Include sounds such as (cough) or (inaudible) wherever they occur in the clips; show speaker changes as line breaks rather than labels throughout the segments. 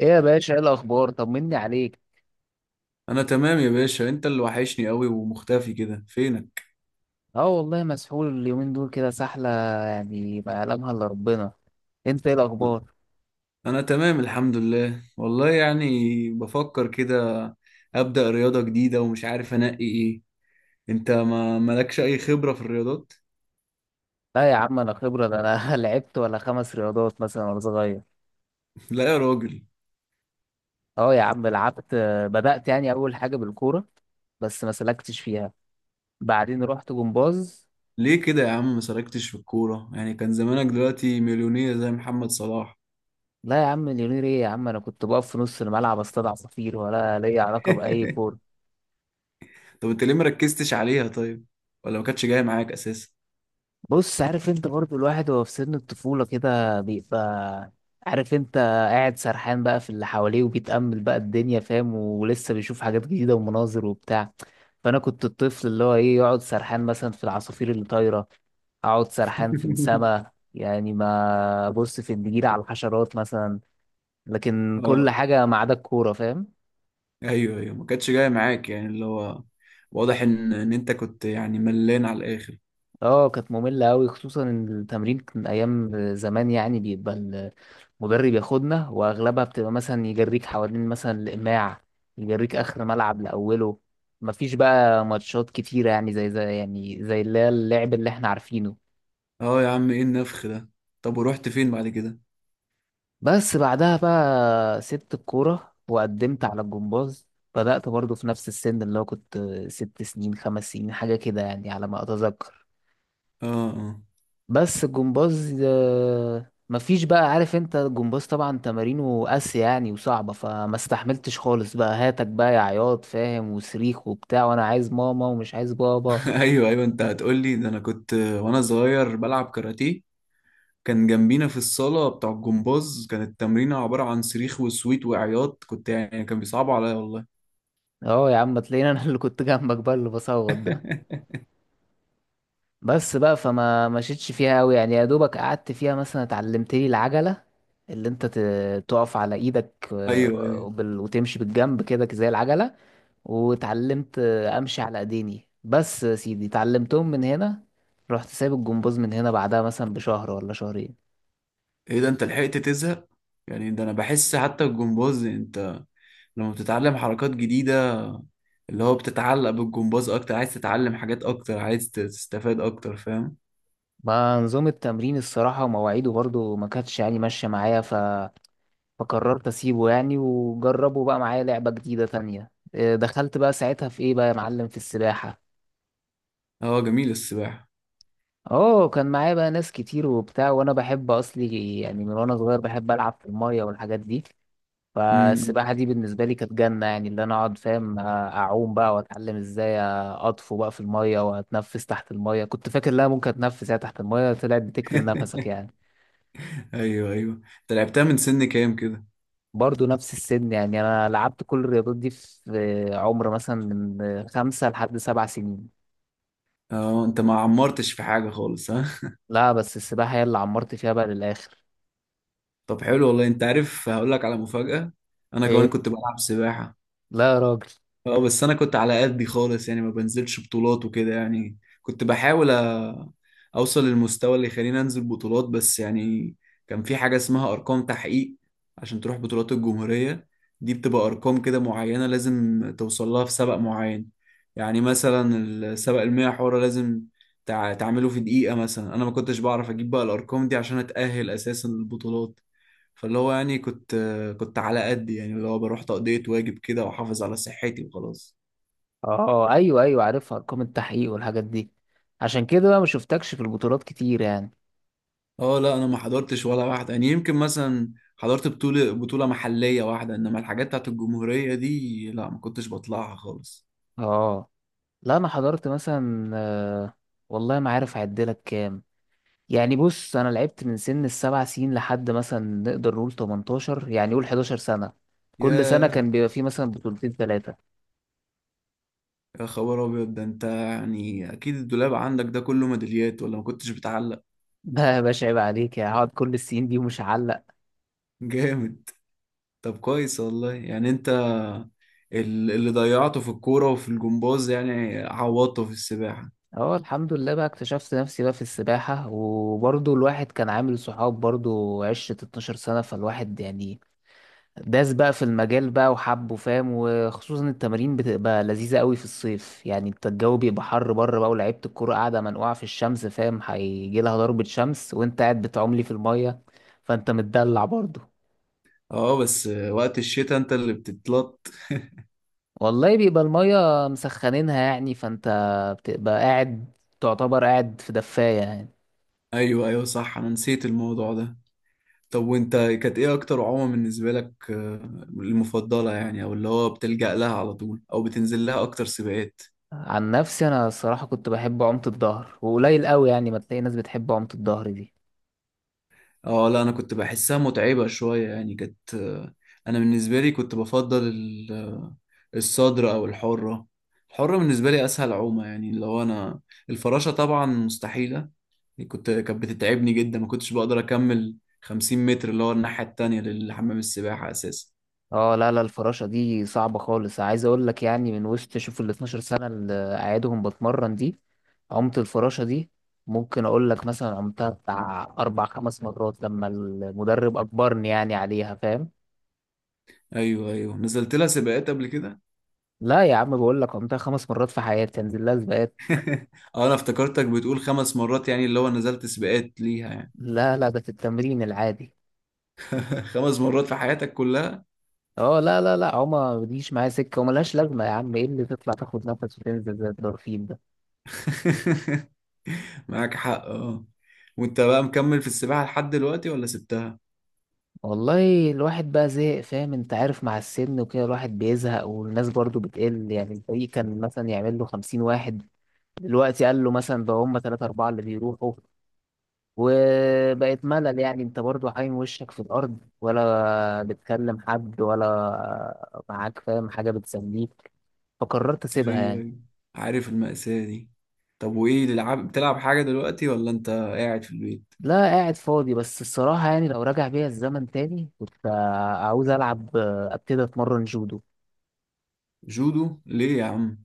ايه يا باشا، ايه الاخبار؟ طمني عليك.
انا تمام يا باشا، انت اللي وحشني قوي ومختفي كده، فينك؟
اه والله مسحول اليومين دول كده سحله. يعني ما يعلمها الا ربنا. انت ايه الاخبار؟
انا تمام الحمد لله، والله يعني بفكر كده ابدا رياضة جديدة ومش عارف انقي ايه. انت ما مالكش اي خبرة في الرياضات؟
لا يا عم انا خبره، ده انا (laughs) لعبت ولا خمس رياضات مثلا وانا صغير.
(laughs) لا يا راجل.
اه يا عم لعبت. بدات يعني اول حاجه بالكوره بس ما سلكتش فيها. بعدين رحت جمباز.
ليه كده يا عم ما سلكتش في الكورة؟ يعني كان زمانك دلوقتي مليونير زي محمد صلاح.
لا يا عم اليونير ايه يا عم، انا كنت بقف في نص الملعب اصطاد عصافير ولا ليا علاقه باي
(laughs)
كوره.
طب انت ليه مركزتش عليها طيب؟ ولا ما كانتش جاية معاك اساسا؟
بص، عارف انت برضو الواحد وهو في سن الطفولة كده بيبقى عارف انت، قاعد سرحان بقى في اللي حواليه وبيتأمل بقى الدنيا فاهم، ولسه بيشوف حاجات جديدة ومناظر وبتاع. فأنا كنت الطفل اللي هو ايه، يقعد سرحان مثلا في العصافير اللي طايرة، أقعد سرحان في
(laughs)
السما، يعني ما أبص في النجيلة على الحشرات مثلا. لكن كل
اه،
حاجة ما عدا الكورة فاهم.
ايوه ايوه، ما كانتش جايه معاك، يعني اللي هو واضح ان انت كنت يعني ملان على الاخر.
اه كانت مملة أوي، خصوصا إن التمرين كان أيام زمان يعني بيبقى المدرب ياخدنا وأغلبها بتبقى مثلا يجريك حوالين مثلا الإماع، يجريك آخر ملعب لأوله. مفيش بقى ماتشات كتيرة يعني زي اللي هي اللعب اللي احنا عارفينه.
اه يا عم ايه النفخ ده؟ طب ورحت فين بعد كده؟
بس بعدها بقى سبت الكورة وقدمت على الجمباز. بدأت برضو في نفس السن، اللي هو كنت ست سنين خمس سنين حاجة كده يعني على ما أتذكر.
اه، اه.
بس الجمباز ده مفيش بقى، عارف انت الجمباز طبعا تمارينه قاسية يعني وصعبة، فما استحملتش خالص بقى، هاتك بقى يا عياط فاهم، وصريخ وبتاع، وانا عايز ماما ومش عايز بابا.
(laughs) ايوه ايوه، انت هتقول لي ده؟ انا كنت وانا صغير بلعب كاراتيه. كان جنبينا في الصاله بتاع الجمباز، كانت التمرينه عباره عن صريخ وسويت وعياط، كنت يعني كان بيصعبوا عليا والله.
اه يا عم تلاقيني انا (laughs) اللي كنت جنبك بقى اللي بصوت ده.
(laughs)
بس بقى فما مشيتش فيها قوي يعني، يا دوبك قعدت فيها مثلا اتعلمتلي العجلة، اللي انت تقف على ايدك،
ايوه ايوه،
وتمشي بالجنب كده زي العجلة. واتعلمت امشي على ايديني. بس يا سيدي اتعلمتهم من هنا، رحت سايب الجمباز من هنا بعدها مثلا بشهر ولا شهرين.
ايه ده انت لحقت تزهق؟ يعني ده انا بحس حتى الجمباز يعني لما بتتعلم حركات جديدة، اللي هو بتتعلق بالجمباز أكتر، عايز تتعلم حاجات أكتر، عايز تستفاد أكتر فاهم.
ما نظام التمرين الصراحة ومواعيده برضو ما كانتش يعني ماشية معايا. فقررت اسيبه يعني وجربه بقى معايا لعبة جديدة تانية دخلت بقى ساعتها في ايه بقى يا معلم، في السباحة.
اه جميل السباحة.
اه كان معايا بقى ناس كتير وبتاع، وانا بحب اصلي يعني، من وانا صغير بحب العب في المية والحاجات دي.
مم.
فالسباحة دي بالنسبة لي كانت جنة يعني، اللي أنا أقعد فاهم أعوم بقى وأتعلم إزاي أطفو بقى في المية وأتنفس تحت المية. كنت فاكر لا ممكن أتنفس يعني تحت المية، طلعت بتكتم نفسك
(laughs)
يعني.
أيوه أيوه، أنت لعبتها من سن كام كده؟
برضه نفس السن يعني، أنا لعبت كل الرياضات دي في عمر مثلا من خمسة لحد سبع سنين.
اه، أنت ما عمرتش في حاجة خالص ها؟
لا بس السباحة هي اللي عمرت فيها بقى للآخر.
(laughs) طب حلو والله، أنت عارف هقول لك على مفاجأة، أنا
إيه؟
كمان كنت بلعب سباحة.
لا يا راجل.
اه، بس انا كنت على قدي خالص، يعني ما بنزلش بطولات وكده، يعني كنت بحاول اوصل للمستوى اللي يخليني انزل بطولات بس يعني. كان في حاجة اسمها ارقام تحقيق عشان تروح بطولات الجمهورية. دي بتبقى ارقام كده معينة لازم توصل لها في سبق معين. يعني مثلا السبق المية حورة لازم تعمله في دقيقة، مثلا انا ما كنتش بعرف اجيب بقى الارقام دي عشان اتأهل اساسا للبطولات. فاللي هو يعني كنت على قد يعني، اللي هو بروح تقضية واجب كده واحافظ على صحتي وخلاص.
أه أيوه أيوه عارفها، أرقام التحقيق والحاجات دي. عشان كده بقى ما شفتكش في البطولات كتير يعني.
اه لا، انا ما حضرتش ولا واحدة، يعني يمكن مثلا حضرت بطولة محلية واحدة، انما الحاجات بتاعت الجمهورية دي لا، ما كنتش بطلعها خالص.
أه لا انا حضرت مثلا. والله ما عارف اعدلك كام، يعني بص انا لعبت من سن السبع سنين لحد مثلا نقدر نقول 18، يعني قول 11 سنه. كل سنه
يا
كان بيبقى فيه مثلا بطولتين ثلاثه.
يا خبر ابيض، ده انت يعني اكيد الدولاب عندك ده كله ميداليات، ولا ما كنتش بتعلق؟
(laughs) لا يا باشا عيب عليك، يعني هقعد كل السنين دي ومش هعلق؟
جامد. طب كويس والله، يعني انت اللي ضيعته في الكورة وفي الجمباز يعني عوضته في السباحة.
اه الحمد لله بقى اكتشفت نفسي بقى في السباحه، وبرضه الواحد كان عامل صحاب، برضه عشره 12 سنه، فالواحد يعني داس بقى في المجال بقى وحبه فاهم، وخصوصا التمارين بتبقى لذيذة قوي في الصيف يعني، انت الجو بيبقى حر بره بقى، ولعيبة الكورة قاعدة منقوعة في الشمس فاهم، هيجي لها ضربة شمس وانت قاعد بتعملي في المية، فانت متدلع برضه.
اه، بس وقت الشتاء انت اللي بتتلط.
والله بيبقى المية مسخنينها يعني، فانت بتبقى قاعد، تعتبر قاعد في دفاية يعني.
ايوه ايوه، صح انا نسيت الموضوع ده. طب وانت كانت ايه اكتر عومة بالنسبة لك المفضلة؟ يعني او اللي هو بتلجأ لها على طول، او بتنزل لها اكتر سباقات؟
عن نفسي انا الصراحة كنت بحب عومة الظهر، وقليل قوي يعني ما تلاقي ناس بتحب عومة الظهر دي.
اه لا، انا كنت بحسها متعبة شوية يعني كانت انا بالنسبة لي كنت بفضل الصدر او الحرة. الحرة بالنسبة لي اسهل عومة، يعني اللي هو انا الفراشة طبعا مستحيلة، كانت بتتعبني جدا، ما كنتش بقدر اكمل 50 متر اللي هو الناحية التانية للحمام السباحة اساسا.
اه لا لا، الفراشة دي صعبة خالص، عايز اقول لك يعني من وسط، شوف ال 12 سنة اللي قاعدهم بتمرن دي، عمت الفراشة دي ممكن اقول لك مثلا عمتها بتاع اربع خمس مرات، لما المدرب اجبرني يعني عليها فاهم.
ايوه ايوه، نزلت لها سباقات قبل كده؟
لا يا عم بقول لك عمتها خمس مرات في حياتي انزل لها سباقات.
(laughs) اه، انا افتكرتك بتقول خمس مرات يعني اللي هو نزلت سباقات ليها يعني.
لا لا ده في التمرين العادي.
(laughs) خمس مرات في حياتك كلها؟
اه لا لا لا، عمى ما بتجيش معايا سكة وملهاش لازمة، يا عم ايه اللي تطلع تاخد نفس وتنزل زي الدرفين.
(laughs) معاك حق، اه. وانت بقى مكمل في السباحة لحد دلوقتي، ولا سبتها؟
والله الواحد بقى زهق فاهم، انت عارف مع السن وكده الواحد بيزهق، والناس برضو بتقل يعني، الفريق كان مثلا يعمل له خمسين واحد، دلوقتي قال له مثلا بقى هم تلاتة أربعة اللي بيروحوا. وبقت ملل يعني، انت برضو حايم وشك في الأرض، ولا بتكلم حد ولا معاك فاهم حاجة بتسليك، فقررت أسيبها
ايوه
يعني.
ايوه، عارف المأساة دي. طب وايه العاب بتلعب حاجة دلوقتي، ولا انت قاعد في البيت؟
لا قاعد فاضي. بس الصراحة يعني لو راجع بيا الزمن تاني كنت عاوز ألعب، أبتدي أتمرن جودو.
جودو؟ ليه يا عم؟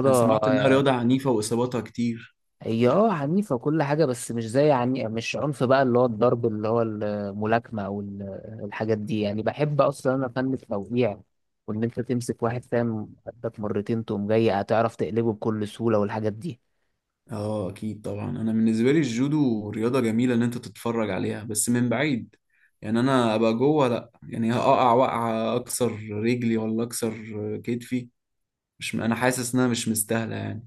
انا سمعت انها رياضة عنيفة واصاباتها كتير.
هي اه عنيفة وكل حاجة، بس مش زي عني، مش عنف بقى اللي هو الضرب، اللي هو الملاكمة الحاجات دي يعني. بحب أصلا أنا فن التوقيع، وإن أنت تمسك واحد فاهم قدك مرتين تقوم جاي هتعرف تقلبه بكل سهولة والحاجات دي.
اه اكيد طبعا، انا بالنسبه لي الجودو رياضه جميله ان انت تتفرج عليها بس من بعيد. يعني انا ابقى جوه لا، يعني هقع وقعه اكسر رجلي ولا اكسر كتفي، مش انا حاسس انها مش مستاهله يعني.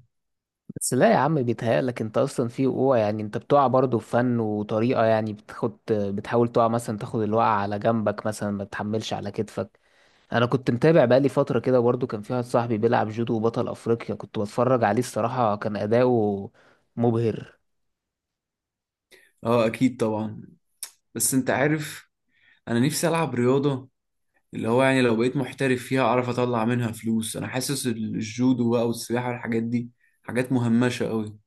بس لا يا عم بيتهيألك أنت أصلا في وقوع يعني، أنت بتقع برضه في فن وطريقة يعني، بتاخد بتحاول تقع مثلا تاخد الوقعة على جنبك مثلا ما تحملش على كتفك. انا كنت متابع بقالي فتره كده، برضو كان في واحد صاحبي بيلعب جودو وبطل افريقيا كنت بتفرج عليه، الصراحه كان اداؤه مبهر.
اه اكيد طبعا. بس انت عارف، انا نفسي العب رياضه اللي هو يعني لو بقيت محترف فيها اعرف اطلع منها فلوس. انا حاسس الجودو بقى والسباحه والحاجات دي حاجات مهمشه قوي.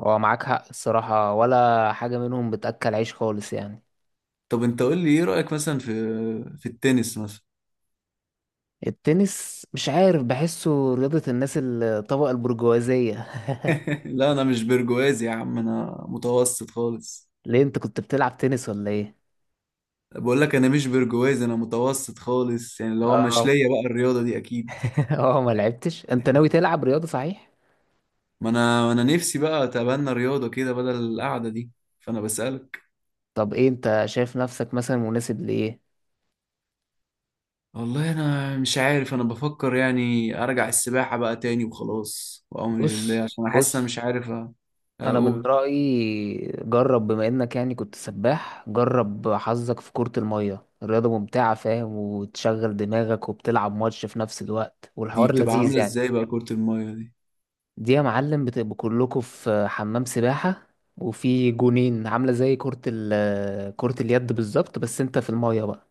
هو معاك حق الصراحه، ولا حاجه منهم بتاكل عيش خالص يعني.
طب انت قول لي ايه رايك مثلا في التنس مثلا؟
التنس مش عارف بحسه رياضه الناس الطبقه البرجوازيه. (laughs)
لا، انا مش برجوازي يا عم، انا متوسط خالص.
ليه انت كنت بتلعب تنس ولا ايه؟
بقول لك انا مش برجوازي، انا متوسط خالص يعني اللي هو مش
اه.
ليا بقى الرياضه دي اكيد.
(laughs) اه ما لعبتش. انت ناوي تلعب رياضه صحيح؟
ما انا نفسي بقى اتبنى رياضه كده بدل القعده دي، فانا بسالك.
طب ايه، انت شايف نفسك مثلا مناسب لايه؟
والله انا مش عارف، انا بفكر يعني ارجع السباحه بقى تاني وخلاص وامري لله،
بص
عشان انا حاسس انا
بص،
مش عارف
انا من
اقول
رايي جرب، بما انك يعني كنت سباح، جرب حظك في كرة المية. الرياضة ممتعة فاهم، وتشغل دماغك، وبتلعب ماتش في نفس الوقت،
دي
والحوار
بتبقى
لذيذ
عامله
يعني.
ازاي بقى كره المايه دي؟
دي يا معلم بتبقوا كلكم في حمام سباحة، وفي جونين، عاملة زي كرة كرة اليد بالظبط، بس انت في المية بقى.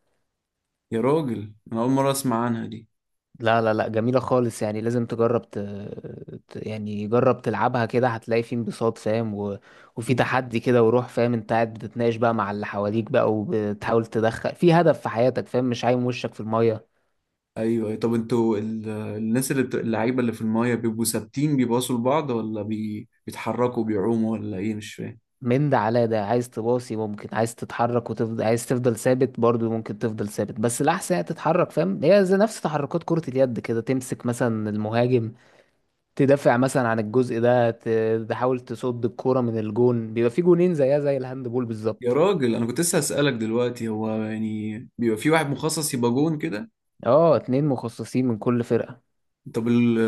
يا راجل انا اول مره اسمع عنها دي.
لا لا لا، جميلة خالص يعني، لازم تجرب. يعني جرب تلعبها كده، هتلاقي في انبساط فاهم. وفي تحدي كده وروح فاهم، انت قاعد بتتناقش بقى مع اللي حواليك بقى، وبتحاول تدخل في هدف في حياتك فاهم، مش عايم وشك في المية.
ايوه أيوة. طب انتوا الناس اللي اللعيبه اللي في المايه بيبقوا ثابتين بيباصوا لبعض، ولا بيتحركوا بيعوموا ولا ايه؟ مش فاهم.
من ده على ده، عايز تباصي ممكن، عايز تتحرك وتفضل، عايز تفضل ثابت برضو ممكن تفضل ثابت، بس الأحسن هي تتحرك فاهم، هي زي نفس تحركات كرة اليد كده، تمسك مثلا المهاجم، تدافع مثلا عن الجزء ده، تحاول تصد الكورة من الجون، بيبقى في جونين زيها زي الهاند بول
يا
بالظبط.
راجل انا كنت لسه هسألك دلوقتي، هو يعني بيبقى في واحد مخصص يبقى جون كده؟
اه اتنين مخصصين من كل فرقة.
طب ال...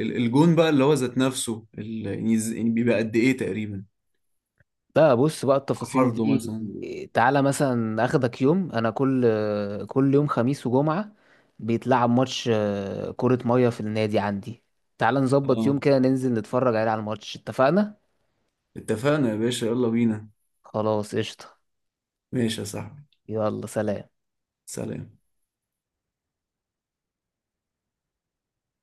ال- الجون بقى اللي هو ذات نفسه يعني يعني بيبقى قد ايه تقريبا،
لا بص بقى التفاصيل
عرضه مثلا؟
دي، تعالى مثلا اخدك يوم، انا كل يوم خميس وجمعة بيتلعب ماتش كرة مية في النادي عندي. تعالى نظبط يوم
اه،
كده ننزل نتفرج عليه على الماتش، اتفقنا؟
اتفقنا يا باشا، يلا بينا.
خلاص قشطة.
ماشي يا صاحبي.
يلا سلام.
سلام.